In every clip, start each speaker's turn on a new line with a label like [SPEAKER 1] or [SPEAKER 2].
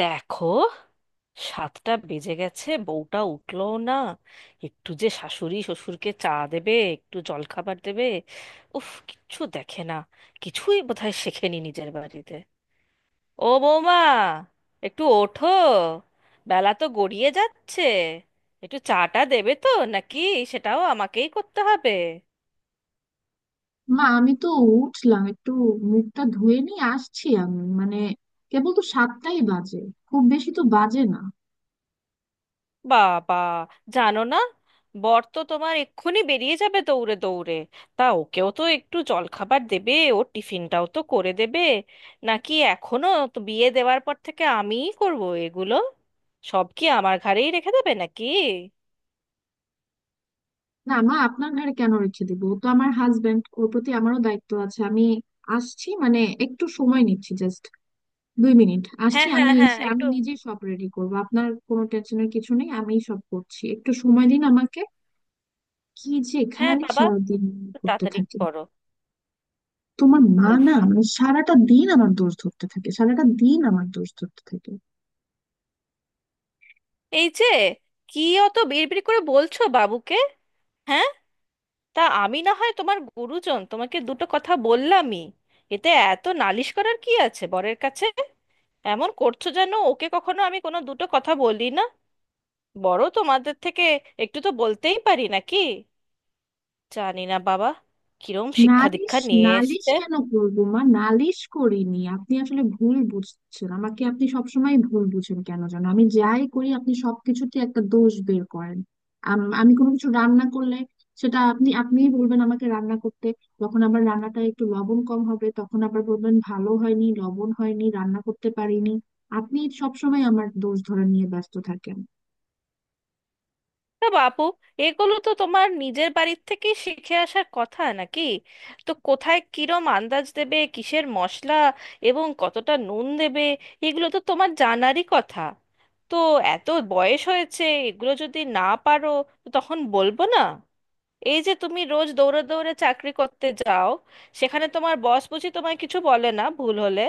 [SPEAKER 1] দেখো, সাতটা বেজে গেছে, বউটা উঠলো না। একটু যে শাশুড়ি শ্বশুরকে চা দেবে, একটু জলখাবার দেবে। উফ, কিচ্ছু দেখে না। কিছুই বোধহয় শেখেনি নিজের বাড়িতে। ও বৌমা, একটু ওঠো, বেলা তো গড়িয়ে যাচ্ছে। একটু চাটা দেবে তো, নাকি সেটাও আমাকেই করতে হবে?
[SPEAKER 2] মা, আমি তো উঠলাম একটু, মুখটা ধুয়ে নিয়ে আসছি। আমি মানে কেবল তো 7টাই বাজে, খুব বেশি তো বাজে না।
[SPEAKER 1] বাবা, জানো না, বর তো তোমার এক্ষুনি বেরিয়ে যাবে দৌড়ে দৌড়ে। তা ওকেও তো একটু জলখাবার দেবে, ওর টিফিনটাও তো করে দেবে, নাকি এখনো? তো বিয়ে দেওয়ার পর থেকে আমিই করব এগুলো? সব কি আমার ঘাড়েই রেখে দেবে নাকি?
[SPEAKER 2] না মা, আপনার ঘরে কেন রেখে দিব? ও তো আমার হাজবেন্ড, ওর প্রতি আমারও দায়িত্ব আছে। আমি আসছি, মানে একটু সময় নিচ্ছি, জাস্ট 2 মিনিট।
[SPEAKER 1] হ্যাঁ,
[SPEAKER 2] আসছি,
[SPEAKER 1] হ্যাঁ,
[SPEAKER 2] আমি
[SPEAKER 1] হ্যাঁ,
[SPEAKER 2] এসে আমি
[SPEAKER 1] একটু।
[SPEAKER 2] নিজেই সব রেডি করব, আপনার কোনো টেনশনের কিছু নেই, আমিই সব করছি, একটু সময় দিন আমাকে। কি যে
[SPEAKER 1] হ্যাঁ
[SPEAKER 2] খালি
[SPEAKER 1] বাবা,
[SPEAKER 2] সারাদিন
[SPEAKER 1] একটু
[SPEAKER 2] করতে
[SPEAKER 1] তাড়াতাড়ি
[SPEAKER 2] থাকি।
[SPEAKER 1] করো।
[SPEAKER 2] তোমার মা
[SPEAKER 1] উফ!
[SPEAKER 2] না, মানে সারাটা দিন আমার দোষ ধরতে থাকে, সারাটা দিন আমার দোষ ধরতে থাকে।
[SPEAKER 1] এই যে, কি অত বিড়বিড় করে বলছো বাবুকে? হ্যাঁ, তা আমি না হয় তোমার গুরুজন, তোমাকে দুটো কথা বললামই, এতে এত নালিশ করার কি আছে বরের কাছে? এমন করছো যেন ওকে কখনো আমি কোনো দুটো কথা বলি না। বড় তোমাদের থেকে, একটু তো বলতেই পারি, নাকি? জানি না বাবা, কিরম শিক্ষা
[SPEAKER 2] নালিশ?
[SPEAKER 1] দীক্ষা নিয়ে
[SPEAKER 2] নালিশ
[SPEAKER 1] এসছে।
[SPEAKER 2] কেন করবো মা? নালিশ করিনি। আপনি আসলে ভুল বুঝছেন আমাকে, আপনি সবসময় ভুল বুঝেন। কেন যেন আমি যাই করি আপনি সবকিছুতে একটা দোষ বের করেন। আমি কোনো কিছু রান্না করলে সেটা আপনি, আপনিই বলবেন আমাকে রান্না করতে। যখন আবার রান্নাটা একটু লবণ কম হবে তখন আবার বলবেন ভালো হয়নি, লবণ হয়নি, রান্না করতে পারিনি। আপনি সবসময় আমার দোষ ধরে নিয়ে ব্যস্ত থাকেন।
[SPEAKER 1] না বাপু, এগুলো তো তোমার নিজের বাড়ির থেকে শিখে আসার কথা, নাকি? তো কোথায় কিরম আন্দাজ দেবে, কিসের মশলা এবং কতটা নুন দেবে, এগুলো তো তোমার জানারই কথা। তো এত বয়স হয়েছে, এগুলো যদি না পারো, তো তখন বলবো না? এই যে তুমি রোজ দৌড়ে দৌড়ে চাকরি করতে যাও, সেখানে তোমার বস বুঝি তোমায় কিছু বলে না ভুল হলে?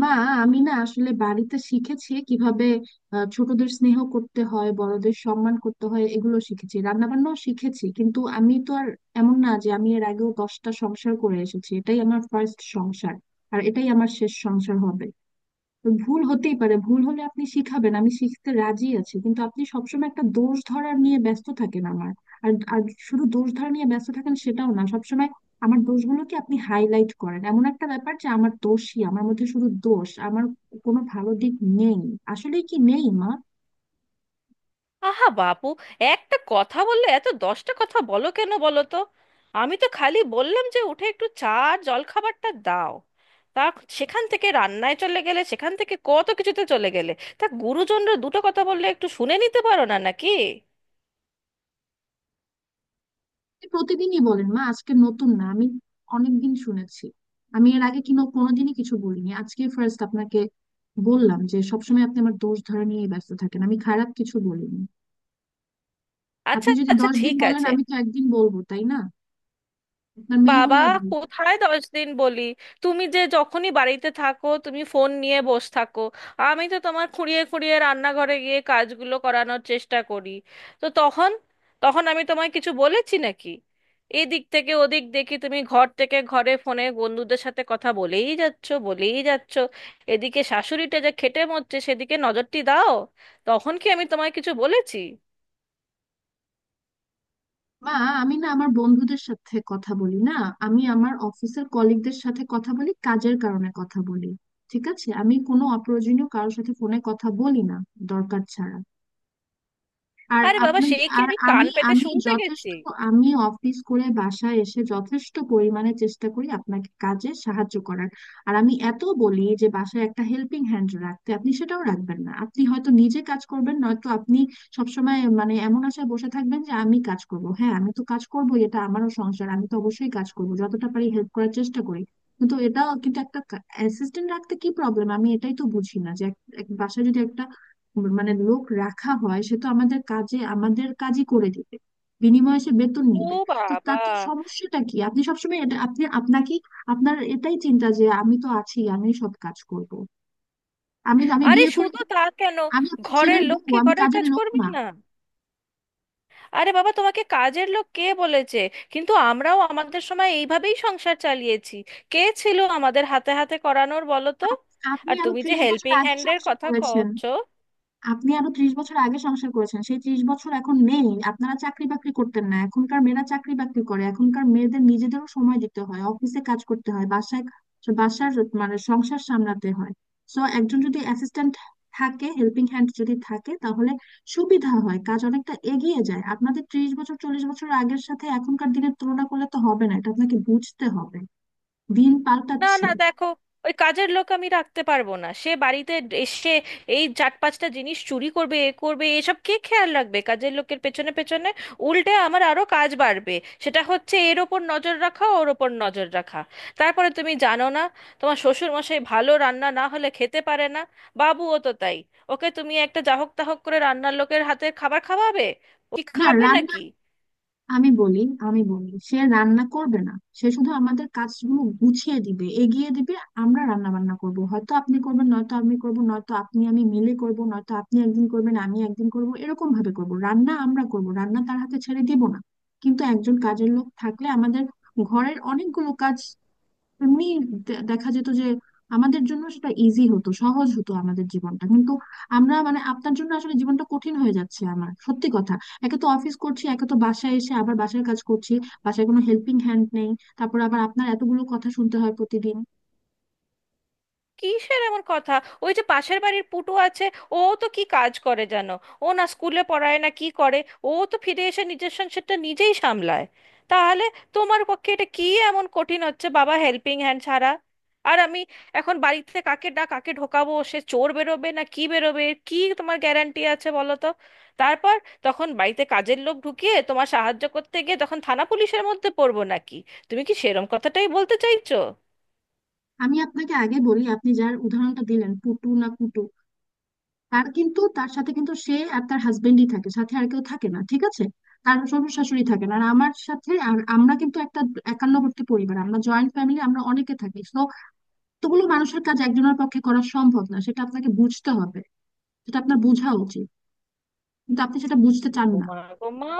[SPEAKER 2] মা, আমি না আসলে বাড়িতে শিখেছি কিভাবে ছোটদের স্নেহ করতে হয়, বড়দের সম্মান করতে হয়, এগুলো শিখেছি। রান্না বান্নাও শিখেছি। কিন্তু আমি তো আর এমন না যে আমি এর আগেও 10টা সংসার করে এসেছি। এটাই আমার ফার্স্ট সংসার, আর এটাই আমার শেষ সংসার হবে। ভুল হতেই পারে, ভুল হলে আপনি শিখাবেন, আমি শিখতে রাজি আছি। কিন্তু আপনি সবসময় একটা দোষ ধরা নিয়ে ব্যস্ত থাকেন আমার। আর আর শুধু দোষ ধরা নিয়ে ব্যস্ত থাকেন সেটাও না, সবসময় আমার দোষগুলোকে আপনি হাইলাইট করেন। এমন একটা ব্যাপার যে আমার দোষই, আমার মধ্যে শুধু দোষ, আমার কোনো ভালো দিক নেই। আসলে কি নেই মা?
[SPEAKER 1] আহা বাপু, একটা কথা বললে এত দশটা কথা বলো কেন বলো তো? আমি তো খালি বললাম যে উঠে একটু চা আর জলখাবারটা দাও। তা সেখান থেকে রান্নায় চলে গেলে, সেখান থেকে কত কিছুতে চলে গেলে। তা গুরুজনরা দুটো কথা বললে একটু শুনে নিতে পারো না নাকি?
[SPEAKER 2] আপনি প্রতিদিনই বলেন মা, আজকে নতুন না, আমি অনেকদিন শুনেছি। আমি এর আগে কিনো কোনোদিনই কিছু বলিনি, আজকে ফার্স্ট আপনাকে বললাম যে সবসময় আপনি আমার দোষ ধরা নিয়ে ব্যস্ত থাকেন। আমি খারাপ কিছু বলিনি।
[SPEAKER 1] আচ্ছা
[SPEAKER 2] আপনি যদি
[SPEAKER 1] আচ্ছা,
[SPEAKER 2] 10 দিন
[SPEAKER 1] ঠিক
[SPEAKER 2] বলেন
[SPEAKER 1] আছে।
[SPEAKER 2] আমি তো একদিন বলবো, তাই না? আপনার মেয়ে
[SPEAKER 1] বাবা,
[SPEAKER 2] হলো।
[SPEAKER 1] কোথায় দশ দিন বলি? তুমি যে যখনই বাড়িতে থাকো, তুমি ফোন নিয়ে বসে থাকো। আমি তো তোমার খুঁড়িয়ে খুঁড়িয়ে রান্নাঘরে গিয়ে কাজগুলো করানোর চেষ্টা করি, তো তখন, তখন আমি তোমায় কিছু বলেছি নাকি? এদিক থেকে ওদিক দেখি তুমি ঘর থেকে ঘরে ফোনে বন্ধুদের সাথে কথা বলেই যাচ্ছ, বলেই যাচ্ছ। এদিকে শাশুড়িটা যে খেটে মরছে, সেদিকে নজরটি দাও। তখন কি আমি তোমায় কিছু বলেছি?
[SPEAKER 2] মা, আমি না আমার বন্ধুদের সাথে কথা বলি না, আমি আমার অফিসের কলিগদের সাথে কথা বলি, কাজের কারণে কথা বলি। ঠিক আছে? আমি কোনো অপ্রয়োজনীয় কারোর সাথে ফোনে কথা বলি না, দরকার ছাড়া। আর
[SPEAKER 1] আরে বাবা,
[SPEAKER 2] আপনি,
[SPEAKER 1] সে কি
[SPEAKER 2] আর
[SPEAKER 1] আমি কান
[SPEAKER 2] আমি
[SPEAKER 1] পেতে
[SPEAKER 2] আমি
[SPEAKER 1] শুনতে গেছি?
[SPEAKER 2] যথেষ্ট, আমি অফিস করে বাসায় এসে যথেষ্ট পরিমাণে চেষ্টা করি আপনাকে কাজে সাহায্য করার। আর আমি এত বলি যে বাসায় একটা হেল্পিং হ্যান্ড রাখতে, আপনি সেটাও রাখবেন না। আপনি হয়তো নিজে কাজ করবেন, নয়তো আপনি সবসময় মানে এমন আশায় বসে থাকবেন যে আমি কাজ করব। হ্যাঁ আমি তো কাজ করবো, এটা আমারও সংসার, আমি তো অবশ্যই কাজ করব, যতটা পারি হেল্প করার চেষ্টা করি। কিন্তু এটা কিন্তু একটা অ্যাসিস্ট্যান্ট রাখতে কি প্রবলেম? আমি এটাই তো বুঝি না যে বাসায় যদি একটা মানে লোক রাখা হয়, সে তো আমাদের কাজে, আমাদের কাজই করে দিবে, বিনিময়ে সে বেতন
[SPEAKER 1] ও
[SPEAKER 2] নিবে। তো
[SPEAKER 1] বাবা!
[SPEAKER 2] তাতে সমস্যাটা কি? আপনি সবসময় এটা আপনি, আপনাকে, আপনার এটাই চিন্তা যে আমি তো আছি, আমি সব কাজ করব। আমি আমি
[SPEAKER 1] আরে
[SPEAKER 2] বিয়ে করি,
[SPEAKER 1] শুধু তা কেন,
[SPEAKER 2] আমি আপনার
[SPEAKER 1] ঘরের
[SPEAKER 2] ছেলের বউ,
[SPEAKER 1] লক্ষ্মী
[SPEAKER 2] আমি
[SPEAKER 1] ঘরের
[SPEAKER 2] কাজের
[SPEAKER 1] কাজ
[SPEAKER 2] লোক
[SPEAKER 1] করবে
[SPEAKER 2] না।
[SPEAKER 1] না? আরে বাবা, তোমাকে কাজের লোক কে বলেছে? কিন্তু আমরাও আমাদের সময় এইভাবেই সংসার চালিয়েছি, কে ছিল আমাদের হাতে হাতে করানোর বলো তো?
[SPEAKER 2] আপ- আপনি
[SPEAKER 1] আর
[SPEAKER 2] আরো
[SPEAKER 1] তুমি যে
[SPEAKER 2] 30 বছর
[SPEAKER 1] হেল্পিং
[SPEAKER 2] আগে
[SPEAKER 1] হ্যান্ডের
[SPEAKER 2] সংসার
[SPEAKER 1] কথা
[SPEAKER 2] করেছেন,
[SPEAKER 1] কচ্ছ,
[SPEAKER 2] আপনি আরো 30 বছর আগে সংসার করেছেন। সেই 30 বছর এখন নেই। আপনারা চাকরি বাকরি করতেন না, এখনকার মেয়েরা চাকরি বাকরি করে, এখনকার মেয়েদের নিজেদেরও সময় দিতে হয়, অফিসে কাজ করতে হয়, বাসায় বাসার মানে সংসার সামলাতে হয়। সো একজন যদি অ্যাসিস্ট্যান্ট থাকে, হেল্পিং হ্যান্ড যদি থাকে তাহলে সুবিধা হয়, কাজ অনেকটা এগিয়ে যায়। আপনাদের 30 বছর 40 বছর আগের সাথে এখনকার দিনের তুলনা করলে তো হবে না, এটা আপনাকে বুঝতে হবে। দিন
[SPEAKER 1] না
[SPEAKER 2] পাল্টাচ্ছে।
[SPEAKER 1] না দেখো, ওই কাজের লোক আমি রাখতে পারবো না। সে বাড়িতে এসে এই চার পাঁচটা জিনিস চুরি করবে, এ করবে, এসব কে খেয়াল রাখবে কাজের লোকের পেছনে পেছনে? উল্টে আমার আরো কাজ বাড়বে, সেটা হচ্ছে এর ওপর নজর রাখা, ওর ওপর নজর রাখা। তারপরে তুমি জানো না, তোমার শ্বশুর মশাই ভালো রান্না না হলে খেতে পারে না, বাবুও তো তাই। ওকে তুমি একটা জাহক তাহক করে রান্নার লোকের হাতে খাবার খাওয়াবে, ও কি
[SPEAKER 2] না,
[SPEAKER 1] খাবে
[SPEAKER 2] রান্না,
[SPEAKER 1] নাকি?
[SPEAKER 2] আমি বলি আমি বলি সে রান্না করবে না, সে শুধু আমাদের কাজগুলো গুছিয়ে দিবে, এগিয়ে দিবে। আমরা রান্না বান্না করব, হয়তো আপনি করবেন, নয়তো আমি করব, নয়তো আপনি আমি মিলে করব, নয়তো আপনি একদিন করবেন, আমি একদিন করব, এরকম ভাবে করব, রান্না আমরা করব, রান্না তার হাতে ছেড়ে দিব না। কিন্তু একজন কাজের লোক থাকলে আমাদের ঘরের অনেকগুলো কাজ এমনি দেখা যেত যে আমাদের জন্য সেটা ইজি হতো, সহজ হতো আমাদের জীবনটা। কিন্তু আমরা মানে আপনার জন্য আসলে জীবনটা কঠিন হয়ে যাচ্ছে আমার, সত্যি কথা। একে তো অফিস করছি, একে তো বাসায় এসে আবার বাসার কাজ করছি, বাসায় কোনো হেল্পিং হ্যান্ড নেই, তারপর আবার আপনার এতগুলো কথা শুনতে হয় প্রতিদিন।
[SPEAKER 1] কিসের এমন কথা? ওই যে পাশের বাড়ির পুটু আছে, ও তো কি কাজ করে জানো? ও না স্কুলে পড়ায় না কি করে। ও তো ফিরে এসে নিজের সংসারটা নিজেই সামলায়। তাহলে তোমার পক্ষে এটা কি এমন কঠিন হচ্ছে বাবা, হেল্পিং হ্যান্ড ছাড়া? আর আমি এখন বাড়িতে কাকে ডাক, কাকে ঢোকাবো, সে চোর বেরোবে না কি বেরোবে, এর কি তোমার গ্যারান্টি আছে বলো তো? তারপর তখন বাড়িতে কাজের লোক ঢুকিয়ে তোমার সাহায্য করতে গিয়ে তখন থানা পুলিশের মধ্যে পড়বো নাকি? তুমি কি সেরম কথাটাই বলতে চাইছো?
[SPEAKER 2] আমি আপনাকে আগে বলি, আপনি যার উদাহরণটা দিলেন, পুটু না পুটু, তার কিন্তু, তার সাথে কিন্তু সে আর তার হাজবেন্ডই থাকে, সাথে আর কেউ থাকে না, ঠিক আছে? তার শ্বশুর শাশুড়ি থাকে না, আর আমার সাথে, আর আমরা কিন্তু একটা একান্নবর্তী পরিবার, আমরা জয়েন্ট ফ্যামিলি, আমরা অনেকে থাকি। এতগুলো মানুষের কাজ একজনের পক্ষে করা সম্ভব না, সেটা আপনাকে বুঝতে হবে, সেটা আপনার বোঝা উচিত। কিন্তু আপনি সেটা বুঝতে চান না।
[SPEAKER 1] ওমা গো মা!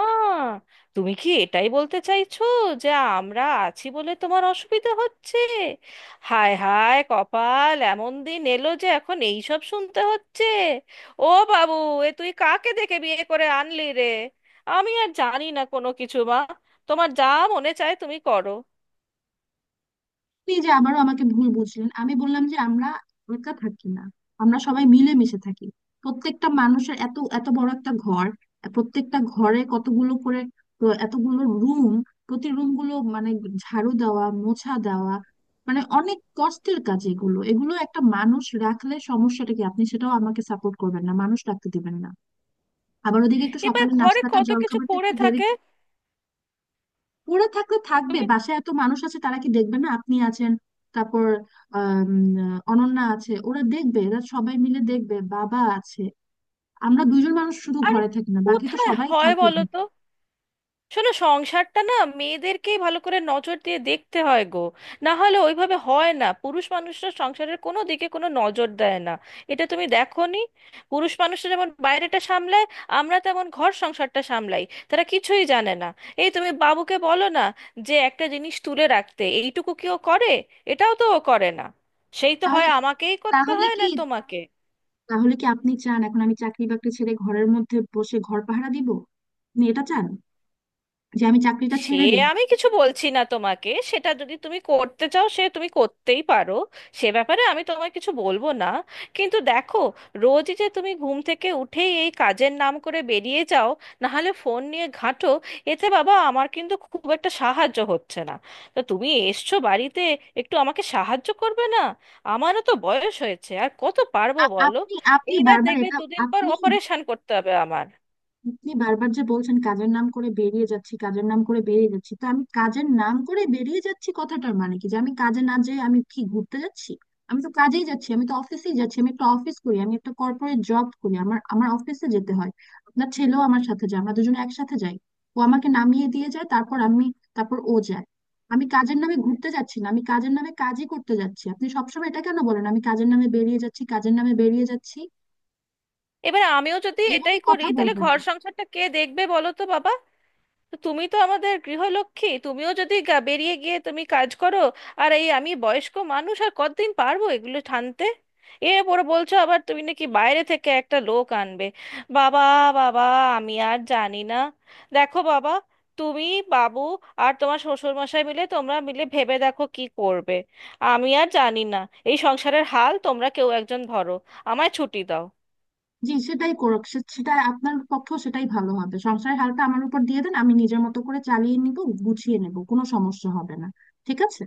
[SPEAKER 1] তুমি কি এটাই বলতে চাইছো যে আমরা আছি বলে তোমার অসুবিধা হচ্ছে? হায় হায় কপাল, এমন দিন এলো যে এখন এই সব শুনতে হচ্ছে! ও বাবু, এ তুই কাকে দেখে বিয়ে করে আনলি রে? আমি আর জানি না কোনো কিছু মা, তোমার যা মনে চায় তুমি করো।
[SPEAKER 2] আপনি যে আবারও আমাকে ভুল বুঝলেন। আমি বললাম যে আমরা একা থাকি না, আমরা সবাই মিলেমিশে থাকি। প্রত্যেকটা মানুষের এত এত বড় একটা ঘর, প্রত্যেকটা ঘরে কতগুলো করে, তো এতগুলো রুম, প্রতি রুম গুলো মানে ঝাড়ু দেওয়া, মোছা দেওয়া, মানে অনেক কষ্টের কাজ এগুলো। এগুলো একটা মানুষ রাখলে সমস্যাটা কি? আপনি সেটাও আমাকে সাপোর্ট করবেন না, মানুষ রাখতে দিবেন না। আবার ওদিকে একটু
[SPEAKER 1] এবার
[SPEAKER 2] সকালে
[SPEAKER 1] ঘরে
[SPEAKER 2] নাস্তাটা,
[SPEAKER 1] কত কিছু
[SPEAKER 2] জলখাবারটা
[SPEAKER 1] পড়ে
[SPEAKER 2] একটু দেরি,
[SPEAKER 1] থাকে।
[SPEAKER 2] পড়ে থাকলে থাকবে।
[SPEAKER 1] তুমি,
[SPEAKER 2] বাসায় এত মানুষ আছে, তারা কি দেখবে না? আপনি আছেন, তারপর আম, অনন্যা আছে, ওরা দেখবে, এরা সবাই মিলে দেখবে, বাবা আছে। আমরা দুজন মানুষ শুধু
[SPEAKER 1] আরে
[SPEAKER 2] ঘরে থাকি না, বাকি তো
[SPEAKER 1] কোথায়
[SPEAKER 2] সবাই
[SPEAKER 1] হয়
[SPEAKER 2] থাকে
[SPEAKER 1] বলো
[SPEAKER 2] ঘরে।
[SPEAKER 1] তো? শোনো, সংসারটা না মেয়েদেরকেই ভালো করে নজর দিয়ে দেখতে হয় গো, না হলে ওইভাবে হয় না। পুরুষ মানুষরা সংসারের কোনো দিকে কোনো নজর দেয় না, এটা তুমি দেখোনি? পুরুষ মানুষরা যেমন বাইরেটা সামলায়, আমরা তেমন ঘর সংসারটা সামলাই, তারা কিছুই জানে না। এই তুমি বাবুকে বলো না, যে একটা জিনিস তুলে রাখতে এইটুকু কি ও করে? এটাও তো ও করে না, সেই তো
[SPEAKER 2] তাহলে
[SPEAKER 1] হয় আমাকেই করতে
[SPEAKER 2] তাহলে
[SPEAKER 1] হয়
[SPEAKER 2] কি
[SPEAKER 1] না তোমাকে?
[SPEAKER 2] তাহলে কি আপনি চান এখন আমি চাকরি বাকরি ছেড়ে ঘরের মধ্যে বসে ঘর পাহারা দিব? আপনি এটা চান যে আমি চাকরিটা
[SPEAKER 1] সে
[SPEAKER 2] ছেড়ে দিই?
[SPEAKER 1] আমি কিছু বলছি না তোমাকে, সেটা যদি তুমি করতে চাও, সে তুমি করতেই পারো, সে ব্যাপারে আমি তোমায় কিছু বলবো না। কিন্তু দেখো, রোজই যে তুমি ঘুম থেকে উঠেই এই কাজের নাম করে বেরিয়ে যাও, নাহলে ফোন নিয়ে ঘাঁটো, এতে বাবা আমার কিন্তু খুব একটা সাহায্য হচ্ছে না। তো তুমি এসছো বাড়িতে, একটু আমাকে সাহায্য করবে না? আমারও তো বয়স হয়েছে, আর কত পারবো
[SPEAKER 2] আ-
[SPEAKER 1] বলো?
[SPEAKER 2] আপনি আপনি
[SPEAKER 1] এইবার
[SPEAKER 2] বারবার
[SPEAKER 1] দেখবে
[SPEAKER 2] এটা।
[SPEAKER 1] দুদিন পর
[SPEAKER 2] আপনি
[SPEAKER 1] অপারেশন করতে হবে আমার।
[SPEAKER 2] আপনি বারবার যে বলছেন কাজের নাম করে বেরিয়ে যাচ্ছি, কাজের নাম করে বেরিয়ে যাচ্ছি, তো আমি কাজের নাম করে বেরিয়ে যাচ্ছি কথাটার মানে কি? যে আমি কাজে না যেয়ে আমি কি ঘুরতে যাচ্ছি? আমি তো কাজেই যাচ্ছি, আমি তো অফিসেই যাচ্ছি। আমি একটা অফিস করি, আমি একটা কর্পোরেট জব করি, আমার আমার অফিসে যেতে হয়। আপনার ছেলেও আমার সাথে যায়, আমরা দুজনে একসাথে যাই। ও আমাকে নামিয়ে দিয়ে যায়, তারপর ও যায়। আমি কাজের নামে ঘুরতে যাচ্ছি না, আমি কাজের নামে কাজই করতে যাচ্ছি। আপনি সবসময় এটা কেন বলেন, আমি কাজের নামে বেরিয়ে যাচ্ছি, কাজের নামে বেরিয়ে যাচ্ছি।
[SPEAKER 1] এবার আমিও যদি
[SPEAKER 2] এইভাবে
[SPEAKER 1] এটাই করি,
[SPEAKER 2] কথা
[SPEAKER 1] তাহলে
[SPEAKER 2] বলবেন
[SPEAKER 1] ঘর
[SPEAKER 2] না।
[SPEAKER 1] সংসারটা কে দেখবে বলো তো বাবা? তো তুমি তো আমাদের গৃহলক্ষ্মী, তুমিও যদি বেরিয়ে গিয়ে তুমি কাজ করো, আর এই আমি বয়স্ক মানুষ, আর কতদিন পারবো এগুলো টানতে? এর পরে বলছো আবার তুমি নাকি বাইরে থেকে একটা লোক আনবে। বাবা, বাবা, আমি আর জানি না। দেখো বাবা, তুমি, বাবু আর তোমার শ্বশুর মশাই মিলে তোমরা মিলে ভেবে দেখো কি করবে। আমি আর জানি না। এই সংসারের হাল তোমরা কেউ একজন ধরো, আমায় ছুটি দাও।
[SPEAKER 2] জি, সেটাই করুক, সেটাই আপনার পক্ষেও সেটাই ভালো হবে। সংসারের হালটা আমার উপর দিয়ে দেন, আমি নিজের মতো করে চালিয়ে নিব, গুছিয়ে নেব, কোনো সমস্যা হবে না, ঠিক আছে?